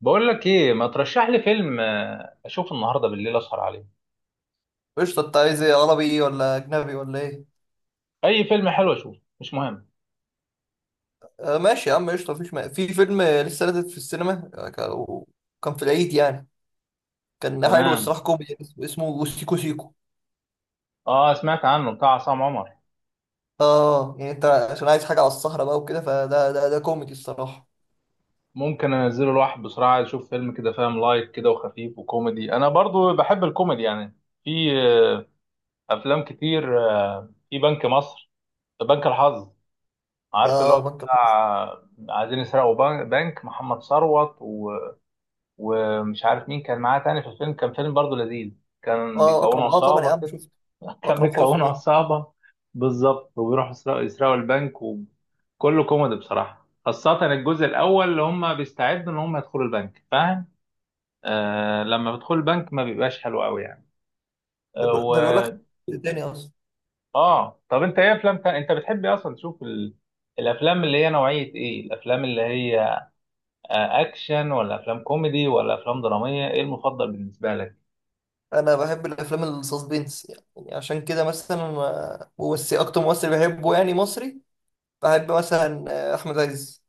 بقول لك ايه، ما ترشح لي فيلم اشوفه النهارده بالليل، اسهر عليه. قشطة، انت عايز ايه؟ عربي ولا اجنبي ولا ايه؟ اي فيلم حلو اشوفه، مش مهم. آه ماشي يا عم، قشطة. في فيلم لسه نازل في السينما، كان في العيد يعني. كان حلو تمام. الصراحة، كوميدي اسمه سيكو سيكو. اه، سمعت عنه، بتاع عصام عمر. اه يعني انت عشان عايز حاجة على السهرة بقى وكده، فده ده كوميدي الصراحة. ممكن انزله الواحد بسرعه، عايز اشوف فيلم كده فاهم، لايت كده وخفيف وكوميدي، انا برضو بحب الكوميدي يعني. في افلام كتير، في بنك مصر، بنك الحظ، عارف اللي اه، هو، بنك الحظ. بتاع عايزين يسرقوا بنك محمد ثروت و... ومش عارف مين كان معاه تاني في الفيلم، كان فيلم برضو لذيذ. كان اه بيكونوا اكرم، اه طبعا يا عصابه عم، كده، شفت. كان واكرم بيكونوا حسني. عصابة بالظبط، وبيروحوا يسرقوا البنك، وكله كوميدي بصراحة، خاصة الجزء الأول اللي هم بيستعدوا إن هم يدخلوا البنك، فاهم؟ آه، لما بيدخلوا البنك ما بيبقاش حلو أوي يعني. ده آه بيقول و... ده بيقول لك تاني اصلا. آه، طب أنت إيه أفلام تانية؟ أنت بتحب إيه أصلا تشوف ال... الأفلام اللي هي نوعية إيه؟ الأفلام اللي هي آه، أكشن ولا أفلام كوميدي ولا أفلام درامية؟ إيه المفضل بالنسبة لك؟ انا بحب الافلام السسبنس، يعني عشان كده مثلا ممثل اكتر ممثل بحبه يعني مصري. بحب مثلا احمد عز.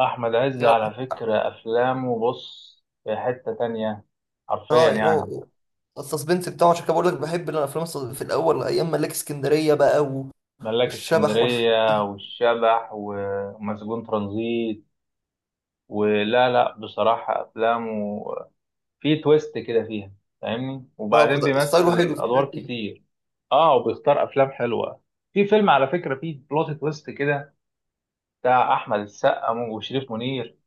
أحمد عز على فكرة أفلامه بص في حتة تانية، حرفيا اه يعني يعني. هو السسبنس بتاعه، عشان كده بقول لك بحب الافلام في الاول ايام ملاك اسكندريه بقى ملاك والشبح والحاجات اسكندرية دي. والشبح ومسجون ترانزيت، ولا لا، بصراحة أفلامه في تويست كده فيها، فاهمني، لا، وبعدين ستايله بيمثل حلو في الحاجات أدوار دي. كتير، آه، وبيختار أفلام حلوة. في فيلم على فكرة فيه بلوت تويست كده، بتاع أحمد السقا وشريف منير،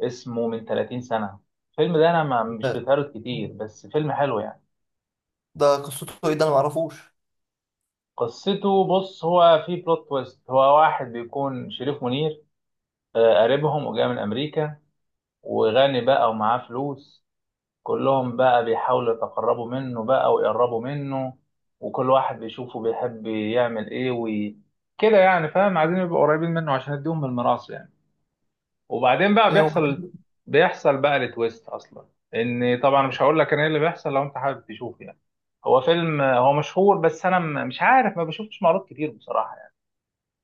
اسمه من 30 سنة، الفيلم ده، أنا ما مش ده, بتهرج كتير بس فيلم حلو يعني. ده قصته ايه؟ ده انا معرفوش. قصته بص، هو فيه بلوت تويست، هو واحد بيكون شريف منير قريبهم وجاي من أمريكا، وغني بقى ومعاه فلوس، كلهم بقى بيحاولوا يتقربوا منه بقى ويقربوا منه، وكل واحد بيشوفه بيحب يعمل ايه وي... كده يعني فاهم، عايزين يبقوا قريبين منه عشان يديهم من الميراث يعني. وبعدين بقى ايه هو بيحصل، حبيبي؟ بيحصل بقى التويست اصلا، ان طبعا مش هقول لك انا ايه اللي بيحصل لو انت حابب تشوف يعني. هو فيلم، هو مشهور بس انا مش عارف، ما بشوفش معروض كتير بصراحة يعني.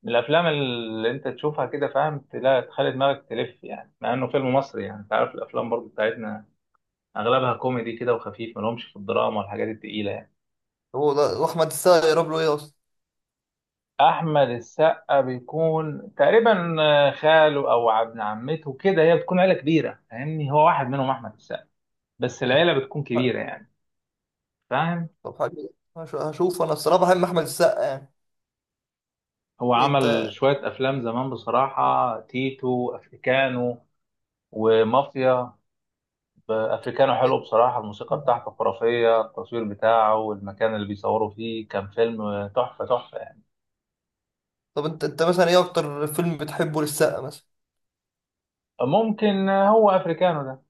من الافلام اللي انت تشوفها كده فاهم، تلاقي تخلي دماغك تلف يعني، مع انه فيلم مصري، يعني انت عارف الافلام برضو بتاعتنا اغلبها كوميدي كده وخفيف، ملهمش في الدراما والحاجات التقيله يعني. هو ده، واحمد السقا يقرب له ايه اصلا؟ احمد السقا بيكون تقريبا خاله او ابن عمته كده، هي بتكون عيله كبيره فاهمني، هو واحد منهم احمد السقا، بس العيله بتكون كبيره يعني، فاهم. طب حبيبي، هشوف. انا الصراحه بحب احمد السقا يعني. هو إيه عمل انت؟ شويه افلام زمان بصراحه، تيتو، افريكانو ومافيا. افريكانو حلو بصراحه، الموسيقى بتاعته خرافيه، التصوير بتاعه والمكان اللي بيصوروا فيه، كان فيلم تحفه تحفه يعني. طب انت مثلا ايه اكتر فيلم بتحبه للسقا مثلا؟ ممكن هو افريكانو ده،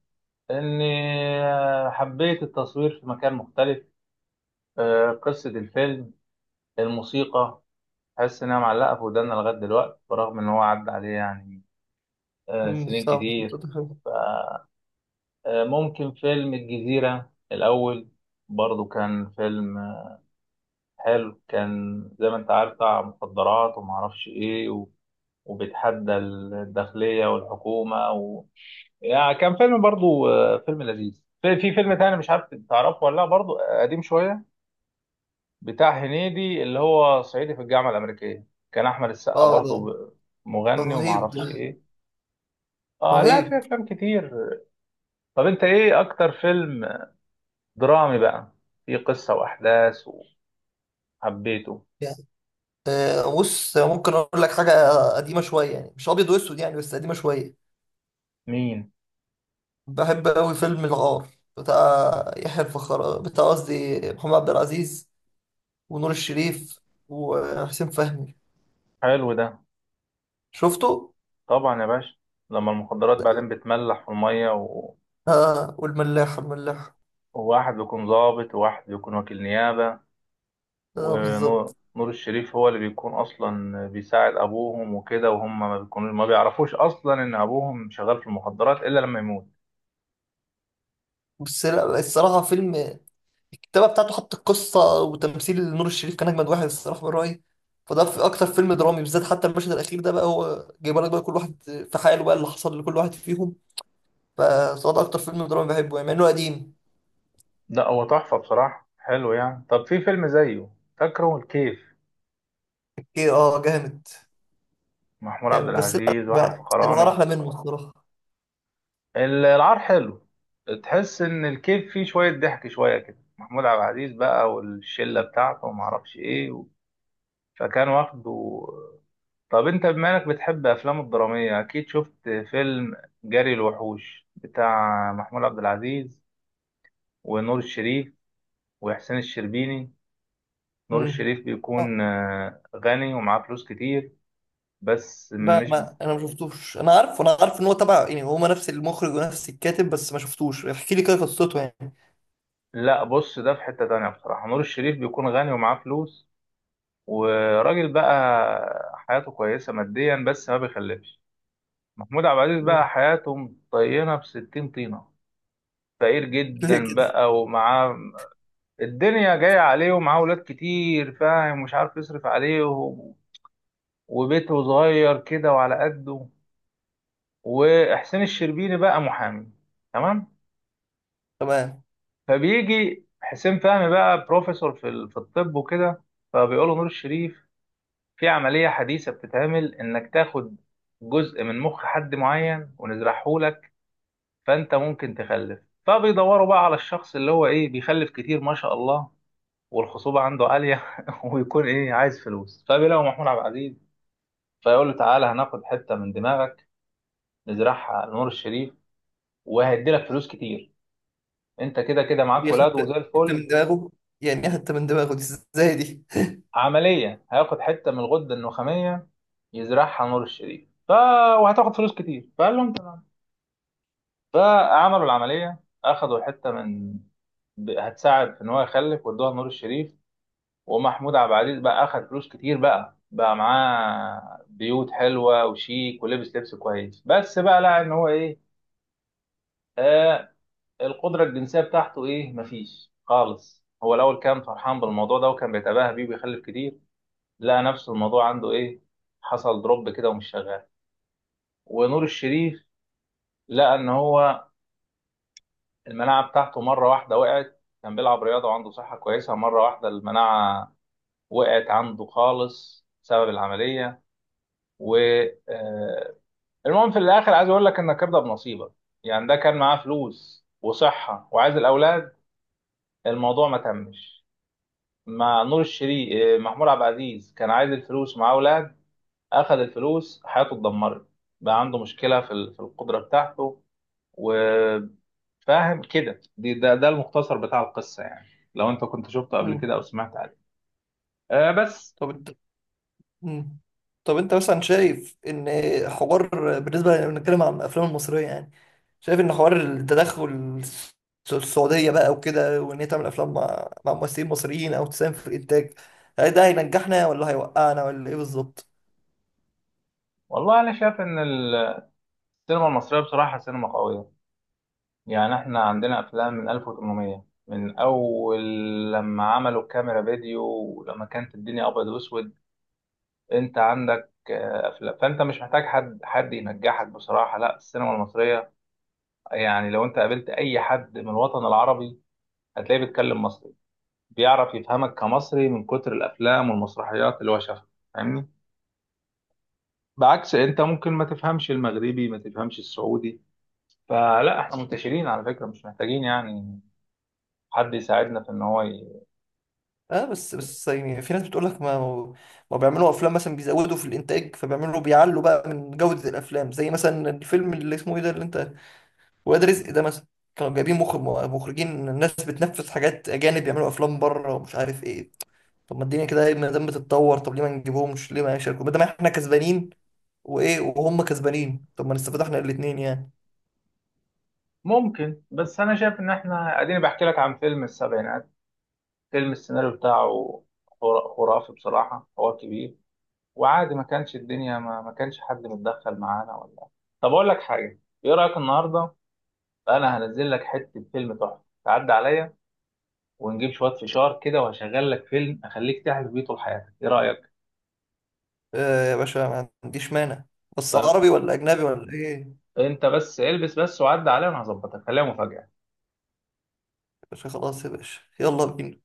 إني حبيت التصوير في مكان مختلف، قصة الفيلم، الموسيقى، حاسس إنها معلقة في ودانا لغاية دلوقتي، برغم إن هو عدى عليه يعني سنين صح صح، كتير. صح. ممكن فيلم الجزيرة الأول، برضو كان فيلم حلو، كان زي ما أنت عارف، بتاع مخدرات ومعرفش إيه و... وبيتحدى الداخلية والحكومة و... يعني كان فيلم برضو، فيلم لذيذ. في فيلم تاني مش عارف تعرفه ولا لا، برضو قديم شوية، بتاع هنيدي اللي هو صعيدي في الجامعة الأمريكية، كان أحمد السقا اه ده، برضه ده مغني رهيب. ده ومعرفش إيه. آه لا، في رهيب. أفلام كتير. طب أنت إيه أكتر فيلم درامي بقى، فيه قصة وأحداث وحبيته؟ آه بص، ممكن اقول لك حاجه قديمه شويه، يعني مش ابيض واسود يعني، بس قديمه شويه. مين؟ بحب قوي فيلم الغار، بتاع يحيى الفخر، بتاع قصدي محمد عبد العزيز، ونور الشريف وحسين فهمي. حلو ده. شفته؟ طبعا يا باشا، لما المخدرات بعدين بتملح في المية و... اه، والملاح الملاح. وواحد بيكون ضابط وواحد بيكون وكيل نيابة، اه ونور بالظبط. نور الشريف هو اللي بيكون اصلا بيساعد ابوهم وكده، وهم ما بيعرفوش اصلا ان ابوهم شغال في المخدرات، الا لما يموت. بس لا، الصراحه فيلم، الكتابه بتاعته حط، القصه وتمثيل نور الشريف كان اجمد واحد الصراحه من رايي. فده في اكتر فيلم درامي بالذات. حتى المشهد الاخير ده بقى هو جايب لك بقى كل واحد في حاله بقى، اللي حصل لكل واحد فيهم. فصوت اكتر فيلم دراما بحبه يعني مع انه قديم. ده هو تحفه بصراحه، حلو يعني. طب في فيلم زيه، فاكره الكيف؟ اوكي، اه جامد. محمود عبد جامد، بس لا العزيز وحى بقى الغار الفخراني. احلى منه الصراحه. ال- العار حلو، تحس ان الكيف فيه شويه ضحك شويه كده، محمود عبد العزيز بقى والشله بتاعته وما اعرفش ايه، فكان واخده. طب انت بما انك بتحب افلام الدرامية، اكيد شفت فيلم جري الوحوش بتاع محمود عبد العزيز ونور الشريف وحسين الشربيني. نور امم الشريف آه، بيكون غني ومعاه فلوس كتير، بس لا، مش... ما انا ما شفتوش. انا عارف ان هو تبع يعني، هما نفس المخرج ونفس الكاتب، بس ما شفتوش. احكي لي كده قصته يعني. لا بص، ده في حتة تانية بصراحة. نور الشريف بيكون غني ومعاه فلوس، وراجل بقى حياته كويسة ماديا بس ما بيخلفش. محمود عبد العزيز مم. بقى حياته مطينة بستين طينة، فقير ليه جدا كده؟ بقى ومعاه، الدنيا جاية عليه ومعاه ولاد كتير فاهم، مش عارف يصرف عليهم، وبيته صغير كده وعلى قده. وحسين الشربيني بقى محامي، تمام. تمام. فبيجي حسين فهمي بقى بروفيسور في في الطب وكده، فبيقول له نور الشريف: في عملية حديثة بتتعمل انك تاخد جزء من مخ حد معين ونزرعه لك، فانت ممكن تخلف. فبيدوروا بقى على الشخص اللي هو ايه، بيخلف كتير ما شاء الله، والخصوبة عنده عالية ويكون إيه، عايز فلوس، فبيلاقوا محمود عبد العزيز، فيقول له تعالى هناخد حتة من دماغك، نزرعها على نور الشريف وهيدي لك فلوس كتير، أنت كده كده معاك هي ولاد حته وزي حته من الفل. دماغه؟ يعني إيه حته من دماغه دي؟ ازاي دي؟ عملية هياخد حتة من الغدة النخامية يزرعها على نور الشريف ف... وهتاخد فلوس كتير، فقال لهم تمام. فعملوا العملية، أخدوا الحتة من هتساعد في إن هو يخلف، وادوها لنور الشريف، ومحمود عبد العزيز بقى اخد فلوس كتير، بقى معاه بيوت حلوه وشيك، ولبس لبس كويس، بس بقى لقى ان هو ايه، آه، القدره الجنسيه بتاعته ايه، مفيش خالص. هو الاول كان فرحان بالموضوع ده وكان بيتباهى بيه وبيخلف كتير، لقى نفسه الموضوع عنده ايه، حصل دروب كده ومش شغال. ونور الشريف لقى ان هو المناعه بتاعته مره واحده وقعت، كان بيلعب رياضه وعنده صحه كويسه، مره واحده المناعه وقعت عنده خالص بسبب العمليه. و آه، المهم في الاخر، عايز اقول لك انك ارضى بنصيبك. يعني ده كان معاه فلوس وصحه وعايز الاولاد، الموضوع ما تمش مع نور الشريف. محمود عبد العزيز كان عايز الفلوس ومعاه اولاد، اخذ الفلوس حياته اتدمرت، بقى عنده مشكله في في القدره بتاعته، وفاهم كده. دي ده المختصر بتاع القصه يعني، لو انت كنت شفته قبل مم. كده او سمعت عنه. أه بس. طب. مم. طب انت مثلا شايف ان، حوار بالنسبه لنتكلم عن الافلام المصريه يعني، شايف ان حوار التدخل الس- السعوديه بقى وكده، وان هي تعمل افلام مع ممثلين مصريين او تساهم في الانتاج، هل ده هينجحنا ولا هيوقعنا ولا ايه بالظبط؟ والله انا شايف ان السينما المصريه بصراحه سينما قويه، يعني احنا عندنا افلام من 1800، من اول لما عملوا الكاميرا فيديو، ولما كانت الدنيا ابيض واسود، انت عندك افلام، فانت مش محتاج حد ينجحك بصراحه، لا السينما المصريه يعني. لو انت قابلت اي حد من الوطن العربي هتلاقيه بيتكلم مصري، بيعرف يفهمك كمصري من كتر الافلام والمسرحيات اللي هو شافها، فاهمني، بعكس انت ممكن ما تفهمش المغربي، ما تفهمش السعودي. فلا، احنا منتشرين على فكره، مش محتاجين يعني حد يساعدنا في ان هو... اه، بس يعني في ناس بتقول لك، ما بيعملوا افلام مثلا، بيزودوا في الانتاج فبيعملوا، بيعلوا بقى من جوده الافلام، زي مثلا الفيلم اللي اسمه ايه ده اللي انت، واد رزق ده مثلا، كانوا جايبين مخرج، مخرجين الناس بتنفذ حاجات اجانب، بيعملوا افلام بره ومش عارف ايه. طب ما الدنيا كده إيه، ما دام بتتطور، طب ليه ما نجيبهمش؟ ليه ما يشاركوا ما دام احنا كسبانين وايه، وهم كسبانين؟ طب ما نستفيد احنا الاثنين يعني. ممكن، بس انا شايف ان احنا اديني بحكي لك عن فيلم السبعينات، فيلم السيناريو بتاعه خرافي بصراحة، هو كبير وعادي، ما كانش الدنيا، ما كانش حد متدخل معانا ولا. طب اقول لك حاجة، ايه رأيك النهاردة انا هنزل لك حتة، فيلم تحفة، تعدي عليا ونجيب شوية فشار كده وهشغل لك فيلم اخليك تعرف بيه طول حياتك، ايه رأيك؟ آه يا باشا، ما عنديش مانع. بس طيب، عربي ولا اجنبي ولا ايه يا انت بس البس، بس وعدي عليا وانا هظبطك، خليها مفاجأة. باشا؟ خلاص يا باشا، يلا بينا.